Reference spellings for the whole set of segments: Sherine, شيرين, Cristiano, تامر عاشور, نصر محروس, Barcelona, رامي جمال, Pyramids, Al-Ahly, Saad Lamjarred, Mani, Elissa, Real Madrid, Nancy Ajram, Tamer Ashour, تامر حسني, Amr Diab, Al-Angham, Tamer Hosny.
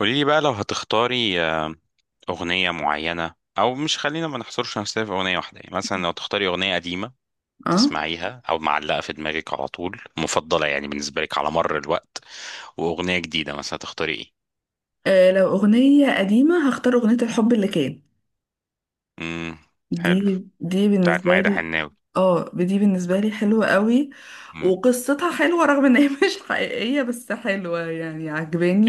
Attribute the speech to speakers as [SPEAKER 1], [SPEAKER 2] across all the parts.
[SPEAKER 1] قولي لي بقى لو هتختاري أغنية معينة، أو مش خلينا ما نحصرش نفسنا في أغنية واحدة. يعني مثلا لو تختاري أغنية قديمة
[SPEAKER 2] اه.
[SPEAKER 1] تسمعيها أو معلقة في دماغك على طول، مفضلة يعني بالنسبة لك على مر الوقت، وأغنية جديدة مثلا، هتختاري إيه؟
[SPEAKER 2] آه، لو أغنية قديمة هختار أغنية الحب اللي كان
[SPEAKER 1] امم حلو.
[SPEAKER 2] دي.
[SPEAKER 1] بتاعت
[SPEAKER 2] بالنسبة
[SPEAKER 1] ميادة
[SPEAKER 2] لي
[SPEAKER 1] حناوي.
[SPEAKER 2] اه دي بالنسبة لي حلوة قوي،
[SPEAKER 1] امم
[SPEAKER 2] وقصتها حلوة رغم ان هي مش حقيقية، بس حلوة يعني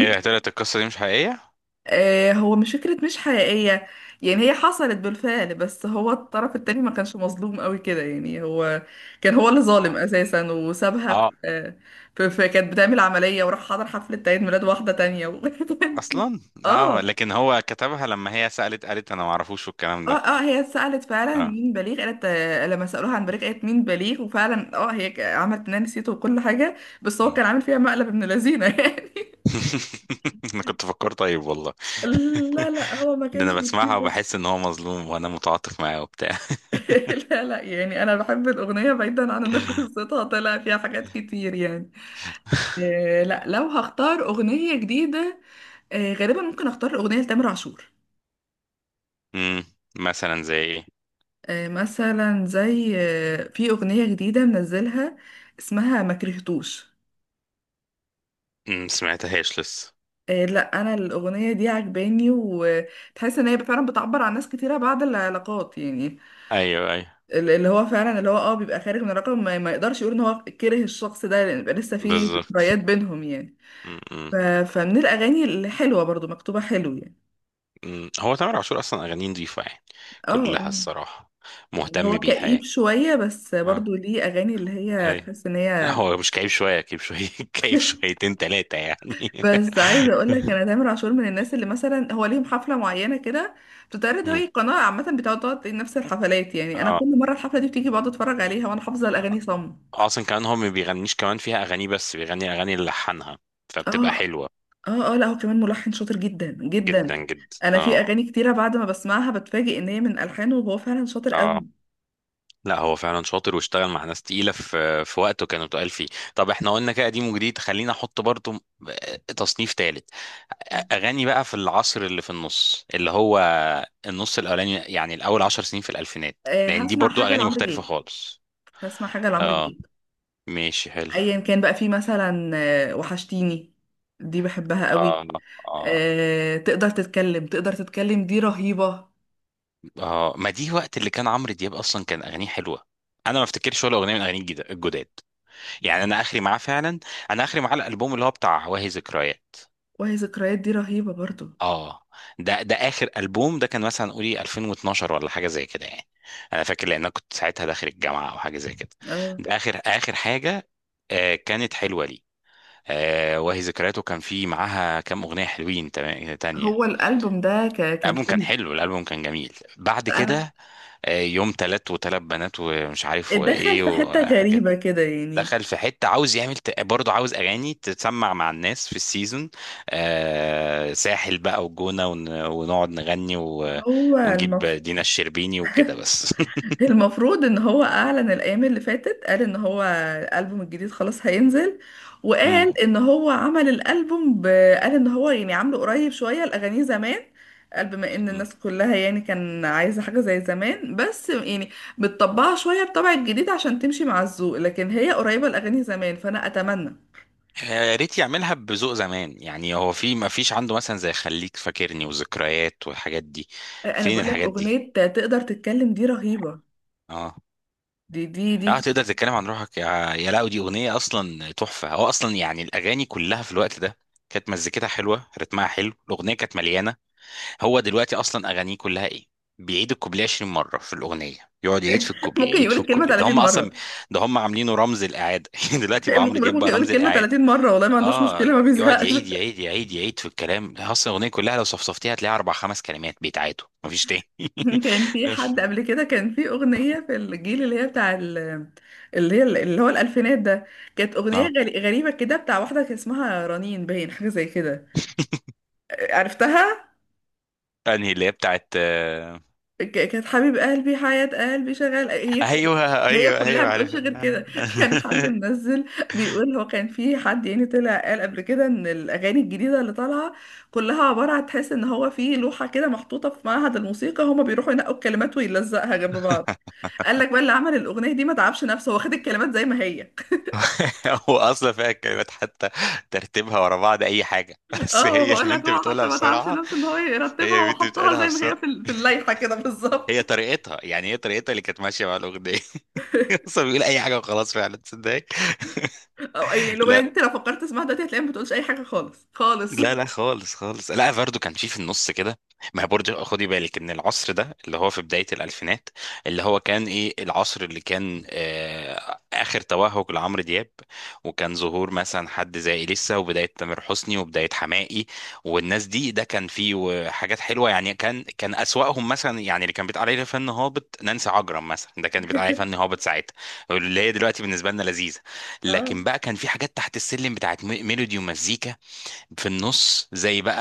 [SPEAKER 1] إيه يا طلعت، القصة دي مش حقيقية؟
[SPEAKER 2] آه هو مش فكرة مش حقيقية، يعني هي حصلت بالفعل بس هو الطرف التاني ما كانش مظلوم قوي كده. يعني هو اللي ظالم
[SPEAKER 1] آه.
[SPEAKER 2] اساسا، وسابها في,
[SPEAKER 1] آه.
[SPEAKER 2] آه، في كانت بتعمل عملية وراح حضر حفلة عيد ميلاد واحدة تانية و...
[SPEAKER 1] أصلا. آه،
[SPEAKER 2] اه.
[SPEAKER 1] لكن هو كتبها لما هي سألت قالت أنا معرفوش والكلام
[SPEAKER 2] اه
[SPEAKER 1] ده.
[SPEAKER 2] اه هي سألت فعلا
[SPEAKER 1] آه.
[SPEAKER 2] مين بليغ، قالت آه، لما سألوها عن بليغ قالت مين بليغ، وفعلا اه هي عملت انها نسيته وكل حاجة. بس هو كان عامل فيها مقلب ابن لذينة يعني.
[SPEAKER 1] انا كنت فكرت طيب والله.
[SPEAKER 2] لا لا، هو ما
[SPEAKER 1] ده
[SPEAKER 2] كانش
[SPEAKER 1] انا بسمعها
[SPEAKER 2] مصيبة.
[SPEAKER 1] وبحس ان هو مظلوم وانا متعاطف معاه وبتاع.
[SPEAKER 2] لا لا، يعني انا بحب الأغنية بعيدا عن ان قصتها طلع فيها حاجات كتير يعني. آه لا، لو هختار أغنية جديدة آه غالبا ممكن اختار الأغنية لتامر عاشور.
[SPEAKER 1] امم مثلا زي ايه.
[SPEAKER 2] آه مثلا زي آه، في أغنية جديدة منزلها اسمها ما كرهتوش.
[SPEAKER 1] سمعتهاش لسه.
[SPEAKER 2] إيه لا، انا الاغنيه دي عجباني، وتحس ان هي فعلا بتعبر عن ناس كتيره بعد العلاقات. يعني
[SPEAKER 1] ايوه ايوه.
[SPEAKER 2] اللي هو فعلا اللي هو اه بيبقى خارج من الرقم، ما يقدرش يقول ان هو كره الشخص ده لان بيبقى لسه في
[SPEAKER 1] بالظبط.
[SPEAKER 2] ذكريات بينهم يعني.
[SPEAKER 1] امم.
[SPEAKER 2] ف... فمن الاغاني الحلوه برضو، مكتوبه حلو يعني.
[SPEAKER 1] أمم. هو تامر عاشور اصلا اغانيه نضيفه يعني
[SPEAKER 2] اه
[SPEAKER 1] كلها
[SPEAKER 2] آه.
[SPEAKER 1] الصراحه،
[SPEAKER 2] يعني
[SPEAKER 1] مهتم
[SPEAKER 2] هو
[SPEAKER 1] بيها
[SPEAKER 2] كئيب
[SPEAKER 1] يعني.
[SPEAKER 2] شويه بس
[SPEAKER 1] اه،
[SPEAKER 2] برضو ليه اغاني اللي هي
[SPEAKER 1] ايوه.
[SPEAKER 2] تحس ان
[SPEAKER 1] لا
[SPEAKER 2] هي،
[SPEAKER 1] هو مش كئيب شويه، كئيب شويه كئيب شويتين ثلاثه يعني.
[SPEAKER 2] بس عايزه اقول لك انا تامر عاشور من الناس اللي مثلا هو ليهم حفله معينه كده بتتعرض.
[SPEAKER 1] أمم.
[SPEAKER 2] هي قناه عامه بتقعد نفس الحفلات. يعني انا
[SPEAKER 1] اه،
[SPEAKER 2] كل مره الحفله دي بتيجي بقعد اتفرج عليها، وانا حافظه الاغاني صم.
[SPEAKER 1] آه. اصلا كمان هو ما بيغنيش كمان فيها اغاني، بس بيغني اغاني اللي لحنها فبتبقى
[SPEAKER 2] اه.
[SPEAKER 1] حلوه.
[SPEAKER 2] اه لا هو كمان ملحن شاطر جدا جدا.
[SPEAKER 1] جدا جدا
[SPEAKER 2] انا في
[SPEAKER 1] اه.
[SPEAKER 2] اغاني كتيره بعد ما بسمعها بتفاجئ ان هي من الحانه، وهو فعلا شاطر
[SPEAKER 1] اه
[SPEAKER 2] قوي.
[SPEAKER 1] لا هو فعلا شاطر، واشتغل مع ناس تقيله في وقته كانوا تقال فيه. طب احنا قلنا كده قديم وجديد، خلينا احط برضو تصنيف ثالث، اغاني بقى في العصر اللي في النص، اللي هو النص الاولاني، يعني الاول عشر سنين في الالفينات،
[SPEAKER 2] آه
[SPEAKER 1] لان دي
[SPEAKER 2] هسمع
[SPEAKER 1] برضو
[SPEAKER 2] حاجه
[SPEAKER 1] اغاني
[SPEAKER 2] لعمرو
[SPEAKER 1] مختلفه
[SPEAKER 2] دياب.
[SPEAKER 1] خالص.
[SPEAKER 2] هسمع حاجه لعمرو
[SPEAKER 1] اه
[SPEAKER 2] دياب.
[SPEAKER 1] ماشي حلو.
[SPEAKER 2] ايا كان بقى، في مثلا آه وحشتيني، دي بحبها
[SPEAKER 1] اه
[SPEAKER 2] قوي.
[SPEAKER 1] اه
[SPEAKER 2] آه تقدر تتكلم، تقدر تتكلم، دي رهيبه.
[SPEAKER 1] اه، ما دي وقت اللي كان عمرو دياب اصلا كان اغانيه حلوه. انا ما افتكرش ولا اغنيه من اغانيه الجداد، يعني انا اخري معاه فعلا. انا اخري معاه الالبوم اللي هو بتاع واهي ذكريات.
[SPEAKER 2] وهي ذكريات دي رهيبة برضو.
[SPEAKER 1] اه، ده اخر البوم ده كان مثلا قولي 2012 ولا حاجه زي كده يعني. انا فاكر لان انا كنت ساعتها داخل الجامعه او حاجه زي كده.
[SPEAKER 2] اه،
[SPEAKER 1] ده اخر اخر حاجه. آه كانت حلوه لي. آه وهي ذكرياته كان في معاها كام اغنيه حلوين تانية.
[SPEAKER 2] هو الألبوم ده كان
[SPEAKER 1] الالبوم كان
[SPEAKER 2] حلو.
[SPEAKER 1] حلو، الالبوم كان جميل. بعد
[SPEAKER 2] أنا
[SPEAKER 1] كده يوم تلات وتلات بنات ومش عارف
[SPEAKER 2] اتدخل
[SPEAKER 1] وايه
[SPEAKER 2] في حتة
[SPEAKER 1] وحاجات.
[SPEAKER 2] غريبة كده يعني.
[SPEAKER 1] دخل في حتة عاوز يعمل برضه عاوز أغاني تتسمع مع الناس في السيزون. آه ساحل بقى وجونة ونقعد نغني
[SPEAKER 2] هو
[SPEAKER 1] ونجيب
[SPEAKER 2] المف...
[SPEAKER 1] دينا الشربيني وكده بس.
[SPEAKER 2] المفروض إن هو أعلن الأيام اللي فاتت، قال إن هو الألبوم الجديد خلاص هينزل. وقال
[SPEAKER 1] مم.
[SPEAKER 2] إن هو عمل الألبوم ب... قال إن هو يعني عامله قريب شوية الأغاني زمان. قال بما إن
[SPEAKER 1] مم.
[SPEAKER 2] الناس كلها يعني كان عايزة حاجة زي زمان، بس يعني بتطبعها شوية بطبع الجديد عشان تمشي مع الذوق، لكن هي قريبة الأغاني زمان، فأنا أتمنى.
[SPEAKER 1] يا ريت يعملها بذوق زمان، يعني هو في ما فيش عنده مثلا زي خليك فاكرني وذكريات والحاجات دي؟
[SPEAKER 2] انا
[SPEAKER 1] فين
[SPEAKER 2] بقول لك
[SPEAKER 1] الحاجات دي؟
[SPEAKER 2] اغنيه تقدر تتكلم دي رهيبه.
[SPEAKER 1] اه.
[SPEAKER 2] دي.
[SPEAKER 1] اه تقدر تتكلم عن روحك، يا لا، دي اغنيه اصلا تحفه، هو اصلا يعني الاغاني كلها في الوقت ده كانت مزيكتها حلوه، رتمها حلو، الاغنيه كانت مليانه. هو دلوقتي اصلا اغانيه كلها ايه، بيعيد الكوبليه 20 مره في الاغنيه، يقعد يعيد في الكوبليه،
[SPEAKER 2] ممكن
[SPEAKER 1] يعيد
[SPEAKER 2] يقول
[SPEAKER 1] في
[SPEAKER 2] الكلمه
[SPEAKER 1] الكوبليه، ده هم
[SPEAKER 2] 30
[SPEAKER 1] اصلا
[SPEAKER 2] مره.
[SPEAKER 1] ده هم عاملينه رمز الاعاده. دلوقتي بقى عمرو
[SPEAKER 2] ممكن بقولك،
[SPEAKER 1] دياب
[SPEAKER 2] ممكن
[SPEAKER 1] بقى
[SPEAKER 2] يقول
[SPEAKER 1] رمز
[SPEAKER 2] الكلمه
[SPEAKER 1] الاعاده.
[SPEAKER 2] 30 مره والله، ما عندوش
[SPEAKER 1] اه،
[SPEAKER 2] مشكله، ما
[SPEAKER 1] يقعد
[SPEAKER 2] بيزهقش.
[SPEAKER 1] يعيد يعيد يعيد يعيد في الكلام، اصلا الاغنيه كلها لو صفصفتيها هتلاقيها اربع خمس كلمات بيتعادوا مفيش تاني.
[SPEAKER 2] كان في حد قبل كده، كان في اغنيه في الجيل اللي هي اللي هي اللي هو الالفينات ده، كانت اغنيه
[SPEAKER 1] اه،
[SPEAKER 2] غريبه كده بتاع واحده كان اسمها رنين، باين حاجه زي كده، عرفتها.
[SPEAKER 1] انهي اللي هي بتاعت
[SPEAKER 2] كانت حبيب قلبي حياة قلبي شغال هي.
[SPEAKER 1] ايوه
[SPEAKER 2] هي
[SPEAKER 1] ايوه
[SPEAKER 2] كلها
[SPEAKER 1] ايوه عارف.
[SPEAKER 2] بتقولش غير كده. كان حد منزل، بيقول هو كان في حد يعني طلع قال قبل كده، ان الاغاني الجديده اللي طالعه كلها عباره عن، تحس ان هو في لوحه كده محطوطه في معهد الموسيقى، هما بيروحوا ينقوا الكلمات ويلزقها جنب بعض. قال لك بقى اللي عمل الاغنيه دي ما تعبش نفسه، هو خد الكلمات زي ما هي.
[SPEAKER 1] هو اصلا فيها الكلمات حتى ترتيبها ورا بعض اي حاجه، بس
[SPEAKER 2] اه
[SPEAKER 1] هي
[SPEAKER 2] بقول لك،
[SPEAKER 1] البنت
[SPEAKER 2] هو حتى
[SPEAKER 1] بتقولها
[SPEAKER 2] ما تعبش
[SPEAKER 1] بسرعه.
[SPEAKER 2] نفسه ان هو
[SPEAKER 1] هي
[SPEAKER 2] يرتبها،
[SPEAKER 1] البنت
[SPEAKER 2] وحطها
[SPEAKER 1] بتقولها
[SPEAKER 2] زي ما هي
[SPEAKER 1] بسرعه،
[SPEAKER 2] في اللائحه كده
[SPEAKER 1] هي
[SPEAKER 2] بالظبط.
[SPEAKER 1] طريقتها يعني، هي طريقتها اللي كانت ماشيه مع الاغنيه. اصلا بيقول اي حاجه وخلاص، فعلا تصدق.
[SPEAKER 2] او يعني الاغنيه دي انت لو فكرت تسمعها دلوقتي، هتلاقيها ما بتقولش اي حاجه خالص خالص.
[SPEAKER 1] لا لا خالص خالص، لا فاردو كان فيه في النص كده. ما هي برضه خدي بالك ان العصر ده اللي هو في بداية الألفينات، اللي هو كان ايه، العصر اللي كان آه آخر توهج لعمرو دياب، وكان ظهور مثلا حد زي إليسا وبداية تامر حسني وبداية حماقي والناس دي. ده كان فيه حاجات حلوة يعني، كان أسوأهم مثلا، يعني اللي كان بيتقال عليه فن هابط نانسي عجرم مثلا، ده كان بيتقال عليه فن هابط ساعتها، اللي هي دلوقتي بالنسبة لنا لذيذة.
[SPEAKER 2] اه.
[SPEAKER 1] لكن بقى كان في حاجات تحت السلم بتاعت ميلودي ومزيكا في النص، زي بقى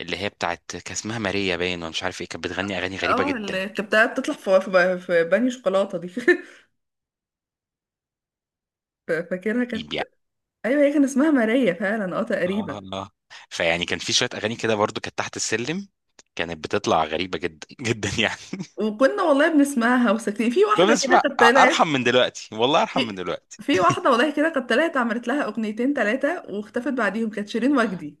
[SPEAKER 1] اللي هي بتاعت، كان اسمها ماريا باين ولا مش عارف ايه، كانت بتغني اغاني غريبه
[SPEAKER 2] اه
[SPEAKER 1] جدا
[SPEAKER 2] اللي كانت بتاعت تطلع في بني شوكولاته دي فاكرها كانت،
[SPEAKER 1] يعني.
[SPEAKER 2] ايوه هي كان اسمها ماريا فعلا اه
[SPEAKER 1] اه
[SPEAKER 2] تقريبا.
[SPEAKER 1] آه. فيعني كان في شويه اغاني كده برضو كانت تحت السلم، كانت بتطلع غريبه جدا جدا يعني.
[SPEAKER 2] وكنا والله بنسمعها وساكتين في
[SPEAKER 1] كنا
[SPEAKER 2] واحده كده
[SPEAKER 1] بنسمع
[SPEAKER 2] كانت طلعت.
[SPEAKER 1] ارحم من دلوقتي، والله ارحم من
[SPEAKER 2] في
[SPEAKER 1] دلوقتي.
[SPEAKER 2] في واحده والله كده كانت طلعت، عملت لها اغنيتين ثلاثه واختفت بعديهم، كانت شيرين وجدي.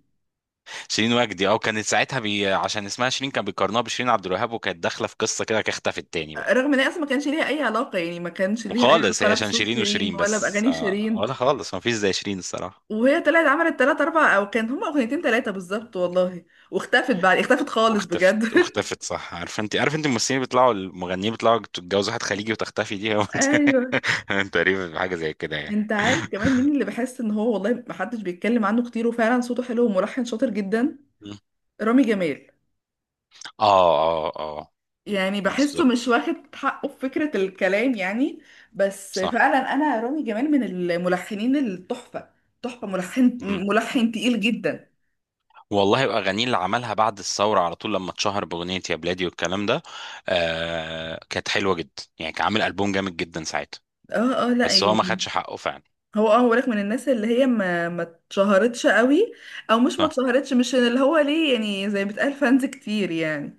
[SPEAKER 1] شيرين وجدي، اه، كانت ساعتها عشان اسمها شيرين كان بيقارنوها بشيرين عبد الوهاب، وكانت داخله في قصه كده، كانت اختفت تاني بقى،
[SPEAKER 2] رغم ان هي اصلا ما كانش ليها اي علاقه، يعني ما كانش ليها اي
[SPEAKER 1] وخالص،
[SPEAKER 2] علاقه
[SPEAKER 1] هي
[SPEAKER 2] لا
[SPEAKER 1] عشان
[SPEAKER 2] بصوت
[SPEAKER 1] شيرين
[SPEAKER 2] شيرين
[SPEAKER 1] وشيرين
[SPEAKER 2] ولا
[SPEAKER 1] بس
[SPEAKER 2] باغاني
[SPEAKER 1] آه،
[SPEAKER 2] شيرين.
[SPEAKER 1] ولا خالص ما فيش زي شيرين الصراحه.
[SPEAKER 2] وهي طلعت عملت ثلاثه اربعه، او كان هما اغنيتين ثلاثه بالظبط والله. واختفت بعد اختفت خالص
[SPEAKER 1] واختفت
[SPEAKER 2] بجد.
[SPEAKER 1] واختفت صح. عارف انت، عارف انت الممثلين بيطلعوا المغنيين بيطلعوا تتجوز واحد خليجي وتختفي، دي هو
[SPEAKER 2] ايوه.
[SPEAKER 1] تقريبا حاجة زي كده يعني.
[SPEAKER 2] انت عارف كمان مين اللي بحس ان هو والله محدش بيتكلم عنه كتير، وفعلا صوته حلو وملحن شاطر جدا؟
[SPEAKER 1] مم.
[SPEAKER 2] رامي جمال.
[SPEAKER 1] اه اه اه.
[SPEAKER 2] يعني بحسه مش
[SPEAKER 1] بالظبط
[SPEAKER 2] واخد حقه في فكرة الكلام يعني. بس
[SPEAKER 1] صح.
[SPEAKER 2] فعلا انا رامي جمال من الملحنين التحفة. تحفة ملحن.
[SPEAKER 1] مم.
[SPEAKER 2] ملحن تقيل جدا.
[SPEAKER 1] والله اغانيه اللي عملها بعد الثوره على طول لما اتشهر باغنيه يا بلادي والكلام ده، آه كانت حلوه جدا يعني، كان عامل البوم جامد جدا ساعتها،
[SPEAKER 2] اه. اه لا
[SPEAKER 1] بس هو ما
[SPEAKER 2] يعني
[SPEAKER 1] خدش حقه فعلا.
[SPEAKER 2] هو اه هو لك من الناس اللي هي ما اتشهرتش قوي. او مش ما
[SPEAKER 1] صح.
[SPEAKER 2] اتشهرتش، مش اللي هو ليه يعني زي ما بتقال فانز كتير يعني.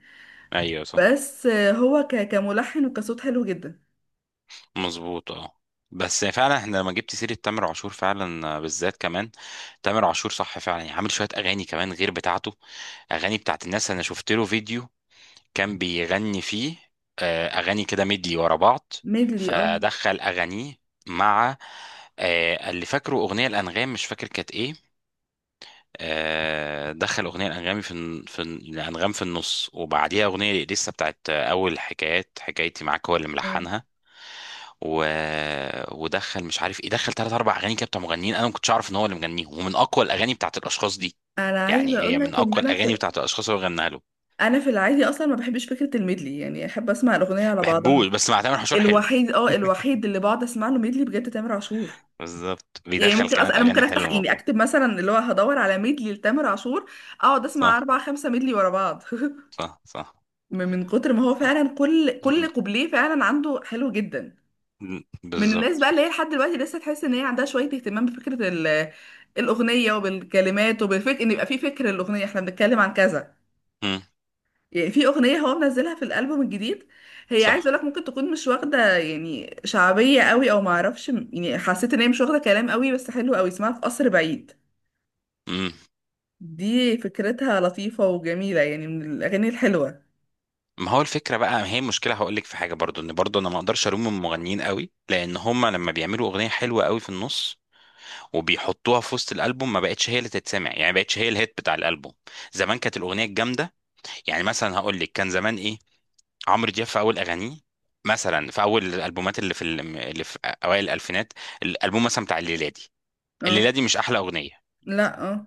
[SPEAKER 1] ايوه صح.
[SPEAKER 2] بس هو كملحن وكصوت حلو جدا.
[SPEAKER 1] مظبوط اه. بس فعلا احنا لما جبت سيرة تامر عاشور فعلا بالذات كمان تامر عاشور، صح فعلا، يعني عامل شوية أغاني كمان غير بتاعته، أغاني بتاعت الناس. أنا شفت له فيديو كان بيغني فيه أغاني كده مدي ورا بعض،
[SPEAKER 2] ميدلي اه.
[SPEAKER 1] فدخل أغانيه مع اللي فاكره أغنية الأنغام، مش فاكر كانت إيه. دخل أغنية الأنغام الأنغام في النص، وبعديها أغنية لسه بتاعت أول حكايات، حكايتي معاك هو اللي
[SPEAKER 2] اه
[SPEAKER 1] ملحنها. و... ودخل مش عارف ايه، دخل ثلاث اربع اغاني كده بتاع مغنيين انا ما كنتش اعرف ان هو اللي مغنيهم، ومن اقوى الاغاني بتاعت الاشخاص دي،
[SPEAKER 2] انا
[SPEAKER 1] يعني
[SPEAKER 2] عايزه اقول
[SPEAKER 1] هي من
[SPEAKER 2] لك ان
[SPEAKER 1] اقوى
[SPEAKER 2] انا
[SPEAKER 1] الاغاني
[SPEAKER 2] في،
[SPEAKER 1] بتاعت الاشخاص اللي هو غناها له.
[SPEAKER 2] انا في العادي اصلا ما بحبش فكره الميدلي، يعني احب اسمع الاغنيه على
[SPEAKER 1] بحبوش
[SPEAKER 2] بعضها.
[SPEAKER 1] بس مع تامر حشور حلو.
[SPEAKER 2] الوحيد اه الوحيد اللي بقعد اسمع له ميدلي بجد تامر عاشور.
[SPEAKER 1] بالظبط،
[SPEAKER 2] يعني
[SPEAKER 1] بيدخل
[SPEAKER 2] ممكن اصلا
[SPEAKER 1] كمان
[SPEAKER 2] انا ممكن
[SPEAKER 1] اغاني حلوه
[SPEAKER 2] افتح،
[SPEAKER 1] مع
[SPEAKER 2] يعني
[SPEAKER 1] بعض.
[SPEAKER 2] اكتب مثلا اللي هو هدور على ميدلي لتامر عاشور، اقعد اسمع
[SPEAKER 1] صح
[SPEAKER 2] اربع خمسه ميدلي ورا بعض.
[SPEAKER 1] صح. صح
[SPEAKER 2] من كتر ما هو
[SPEAKER 1] صح.
[SPEAKER 2] فعلا، كل
[SPEAKER 1] م-
[SPEAKER 2] كل كوبليه فعلا عنده حلو جدا. من الناس بقى
[SPEAKER 1] بالظبط.
[SPEAKER 2] اللي هي لحد دلوقتي لسه تحس ان هي عندها شويه اهتمام بفكره الاغنيه وبالكلمات وبالفكر، ان يبقى في فكر الاغنيه، احنا بنتكلم عن كذا
[SPEAKER 1] م-
[SPEAKER 2] يعني. في اغنيه هو منزلها في الالبوم الجديد، هي عايز
[SPEAKER 1] صح.
[SPEAKER 2] اقول لك ممكن تكون مش واخده يعني شعبيه قوي او ما اعرفش، يعني حسيت ان هي مش واخده كلام قوي، بس حلو قوي، اسمها في قصر بعيد.
[SPEAKER 1] م.
[SPEAKER 2] دي فكرتها لطيفه وجميله، يعني من الاغاني الحلوه.
[SPEAKER 1] ما هو الفكره بقى، ما هي المشكله، هقول لك في حاجه برضو ان برضو انا ما اقدرش الوم المغنيين قوي، لان هم لما بيعملوا اغنيه حلوه قوي في النص وبيحطوها في وسط الالبوم ما بقتش هي اللي تتسمع، يعني ما بقتش هي الهيت بتاع الالبوم. زمان كانت الاغنيه الجامده، يعني مثلا هقول لك كان زمان ايه، عمرو دياب في اول اغانيه مثلا في اول الالبومات اللي اللي في اوائل الالفينات، الالبوم مثلا بتاع الليلادي.
[SPEAKER 2] اه
[SPEAKER 1] الليلادي مش احلى اغنيه،
[SPEAKER 2] لا اه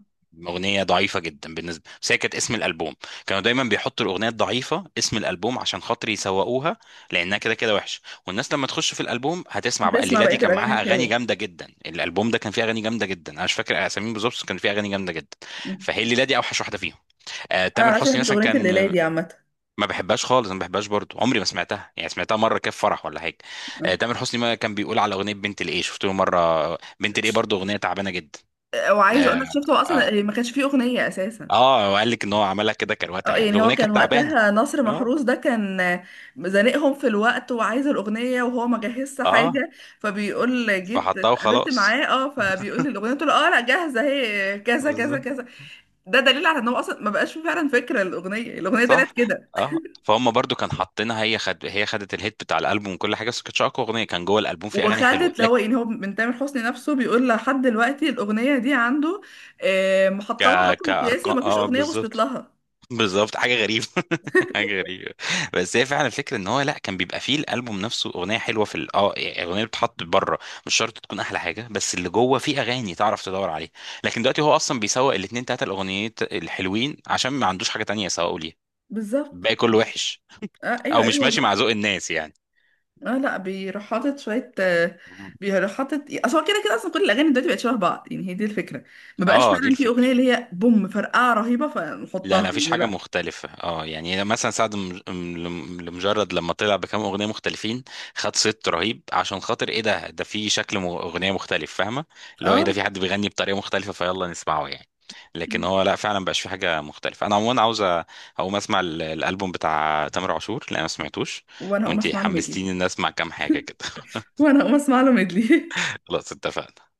[SPEAKER 1] أغنية ضعيفة جدا بالنسبة، بس هي كانت اسم الألبوم. كانوا دايما بيحطوا الأغنية الضعيفة اسم الألبوم عشان خاطر يسوقوها، لأنها كده كده وحشة، والناس لما تخش في الألبوم هتسمع بقى.
[SPEAKER 2] هتسمع
[SPEAKER 1] الليلة
[SPEAKER 2] بقيه
[SPEAKER 1] دي كان
[SPEAKER 2] الاغاني
[SPEAKER 1] معاها أغاني
[SPEAKER 2] الحلوه.
[SPEAKER 1] جامدة جدا، الألبوم ده كان فيه أغاني جامدة جدا، أنا مش فاكر أساميهم بالظبط بس كان فيه أغاني جامدة جدا.
[SPEAKER 2] م.
[SPEAKER 1] فهي الليلة دي أوحش واحدة فيهم. آه
[SPEAKER 2] انا
[SPEAKER 1] تامر
[SPEAKER 2] على فكره ما
[SPEAKER 1] حسني
[SPEAKER 2] بحبش
[SPEAKER 1] مثلا
[SPEAKER 2] اغنيه
[SPEAKER 1] كان
[SPEAKER 2] الليله دي عامه.
[SPEAKER 1] ما بحبهاش خالص، ما بحبهاش برضو، عمري ما سمعتها يعني، سمعتها مرة كده في فرح ولا حاجة.
[SPEAKER 2] اه.
[SPEAKER 1] آه تامر حسني ما كان بيقول على أغنية بنت الإيه، شفت له مرة بنت الإيه،
[SPEAKER 2] ش-
[SPEAKER 1] برضو أغنية تعبانة جدا.
[SPEAKER 2] وعايزه اقول
[SPEAKER 1] آه.
[SPEAKER 2] لك شفت، هو
[SPEAKER 1] آه.
[SPEAKER 2] اصلا ما كانش فيه اغنيه اساسا.
[SPEAKER 1] اه وقال لك ان هو عملها كده كروته،
[SPEAKER 2] اه
[SPEAKER 1] يعني
[SPEAKER 2] يعني هو
[SPEAKER 1] الاغنيه
[SPEAKER 2] كان
[SPEAKER 1] كانت تعبانه.
[SPEAKER 2] وقتها نصر
[SPEAKER 1] اه
[SPEAKER 2] محروس ده كان زنقهم في الوقت وعايز الأغنية، وهو ما جهزش
[SPEAKER 1] اه،
[SPEAKER 2] حاجة. فبيقول جيت
[SPEAKER 1] فحطها
[SPEAKER 2] اتقابلت
[SPEAKER 1] وخلاص.
[SPEAKER 2] معاه، اه فبيقول لي الأغنية، قلت له اه لا جاهزة اهي كذا كذا
[SPEAKER 1] بالظبط.
[SPEAKER 2] كذا. ده دليل على ان هو اصلا ما بقاش فيه فعلا فكرة الأغنية، الأغنية طلعت
[SPEAKER 1] صح.
[SPEAKER 2] كده.
[SPEAKER 1] اه، فهم برضو كان حاطينها، هي خد، هي خدت الهيت بتاع الالبوم وكل حاجه، بس ما كانتش اقوى اغنيه، كان جوه الالبوم في اغاني
[SPEAKER 2] وخدت
[SPEAKER 1] حلوه
[SPEAKER 2] اللي
[SPEAKER 1] لك.
[SPEAKER 2] هو يعني هو من تامر حسني نفسه بيقول لحد دلوقتي الأغنية دي عنده آه،
[SPEAKER 1] ك
[SPEAKER 2] محطمة الرقم القياسي
[SPEAKER 1] كارقام
[SPEAKER 2] ومفيش
[SPEAKER 1] اه،
[SPEAKER 2] أغنية وصلت
[SPEAKER 1] بالظبط.
[SPEAKER 2] لها.
[SPEAKER 1] بالظبط، حاجه غريبه حاجه غريبه. بس هي فعلا الفكره ان هو لا، كان بيبقى فيه الالبوم نفسه اغنيه حلوه اه يعني الاغنيه اللي بتتحط بره مش شرط تكون احلى حاجه، بس اللي جوه فيه اغاني تعرف تدور عليها. لكن دلوقتي هو اصلا بيسوق الاثنين ثلاثه الاغنيات الحلوين عشان ما عندوش حاجه تانية يسوقوا ليها.
[SPEAKER 2] بالظبط.
[SPEAKER 1] الباقي كله وحش،
[SPEAKER 2] اه
[SPEAKER 1] او
[SPEAKER 2] ايوه
[SPEAKER 1] مش
[SPEAKER 2] ايوه
[SPEAKER 1] ماشي مع
[SPEAKER 2] والله.
[SPEAKER 1] ذوق الناس يعني.
[SPEAKER 2] اه لا بيروح حاطط شويه آه، بيروح حاطط. اصل هو كده كده اصلا كل الاغاني دلوقتي بقت شبه بعض، يعني هي دي الفكره. ما بقاش
[SPEAKER 1] اه دي
[SPEAKER 2] فعلا في
[SPEAKER 1] الفكره.
[SPEAKER 2] اغنيه اللي هي بوم فرقعه رهيبه
[SPEAKER 1] لا
[SPEAKER 2] فنحطها،
[SPEAKER 1] لا مفيش
[SPEAKER 2] يعني
[SPEAKER 1] حاجة
[SPEAKER 2] لا.
[SPEAKER 1] مختلفة اه، يعني مثلا سعد لمجرد لما طلع بكام أغنية مختلفين خد صيت رهيب، عشان خاطر ايه، ده ده في شكل أغنية مختلف فاهمة، اللي هو ايه، ده
[SPEAKER 2] اه
[SPEAKER 1] في حد بيغني بطريقة مختلفة فيلا نسمعه يعني. لكن هو لا فعلا مبقاش في حاجة مختلفة. أنا عموما عاوز أقوم أسمع الألبوم بتاع تامر عاشور، لا ما سمعتوش.
[SPEAKER 2] وانا اقوم
[SPEAKER 1] وأنتي
[SPEAKER 2] اسمع له ميدلي.
[SPEAKER 1] حمستيني إن أسمع كام حاجة كده.
[SPEAKER 2] وانا اقوم اسمع له ميدلي.
[SPEAKER 1] خلاص اتفقنا.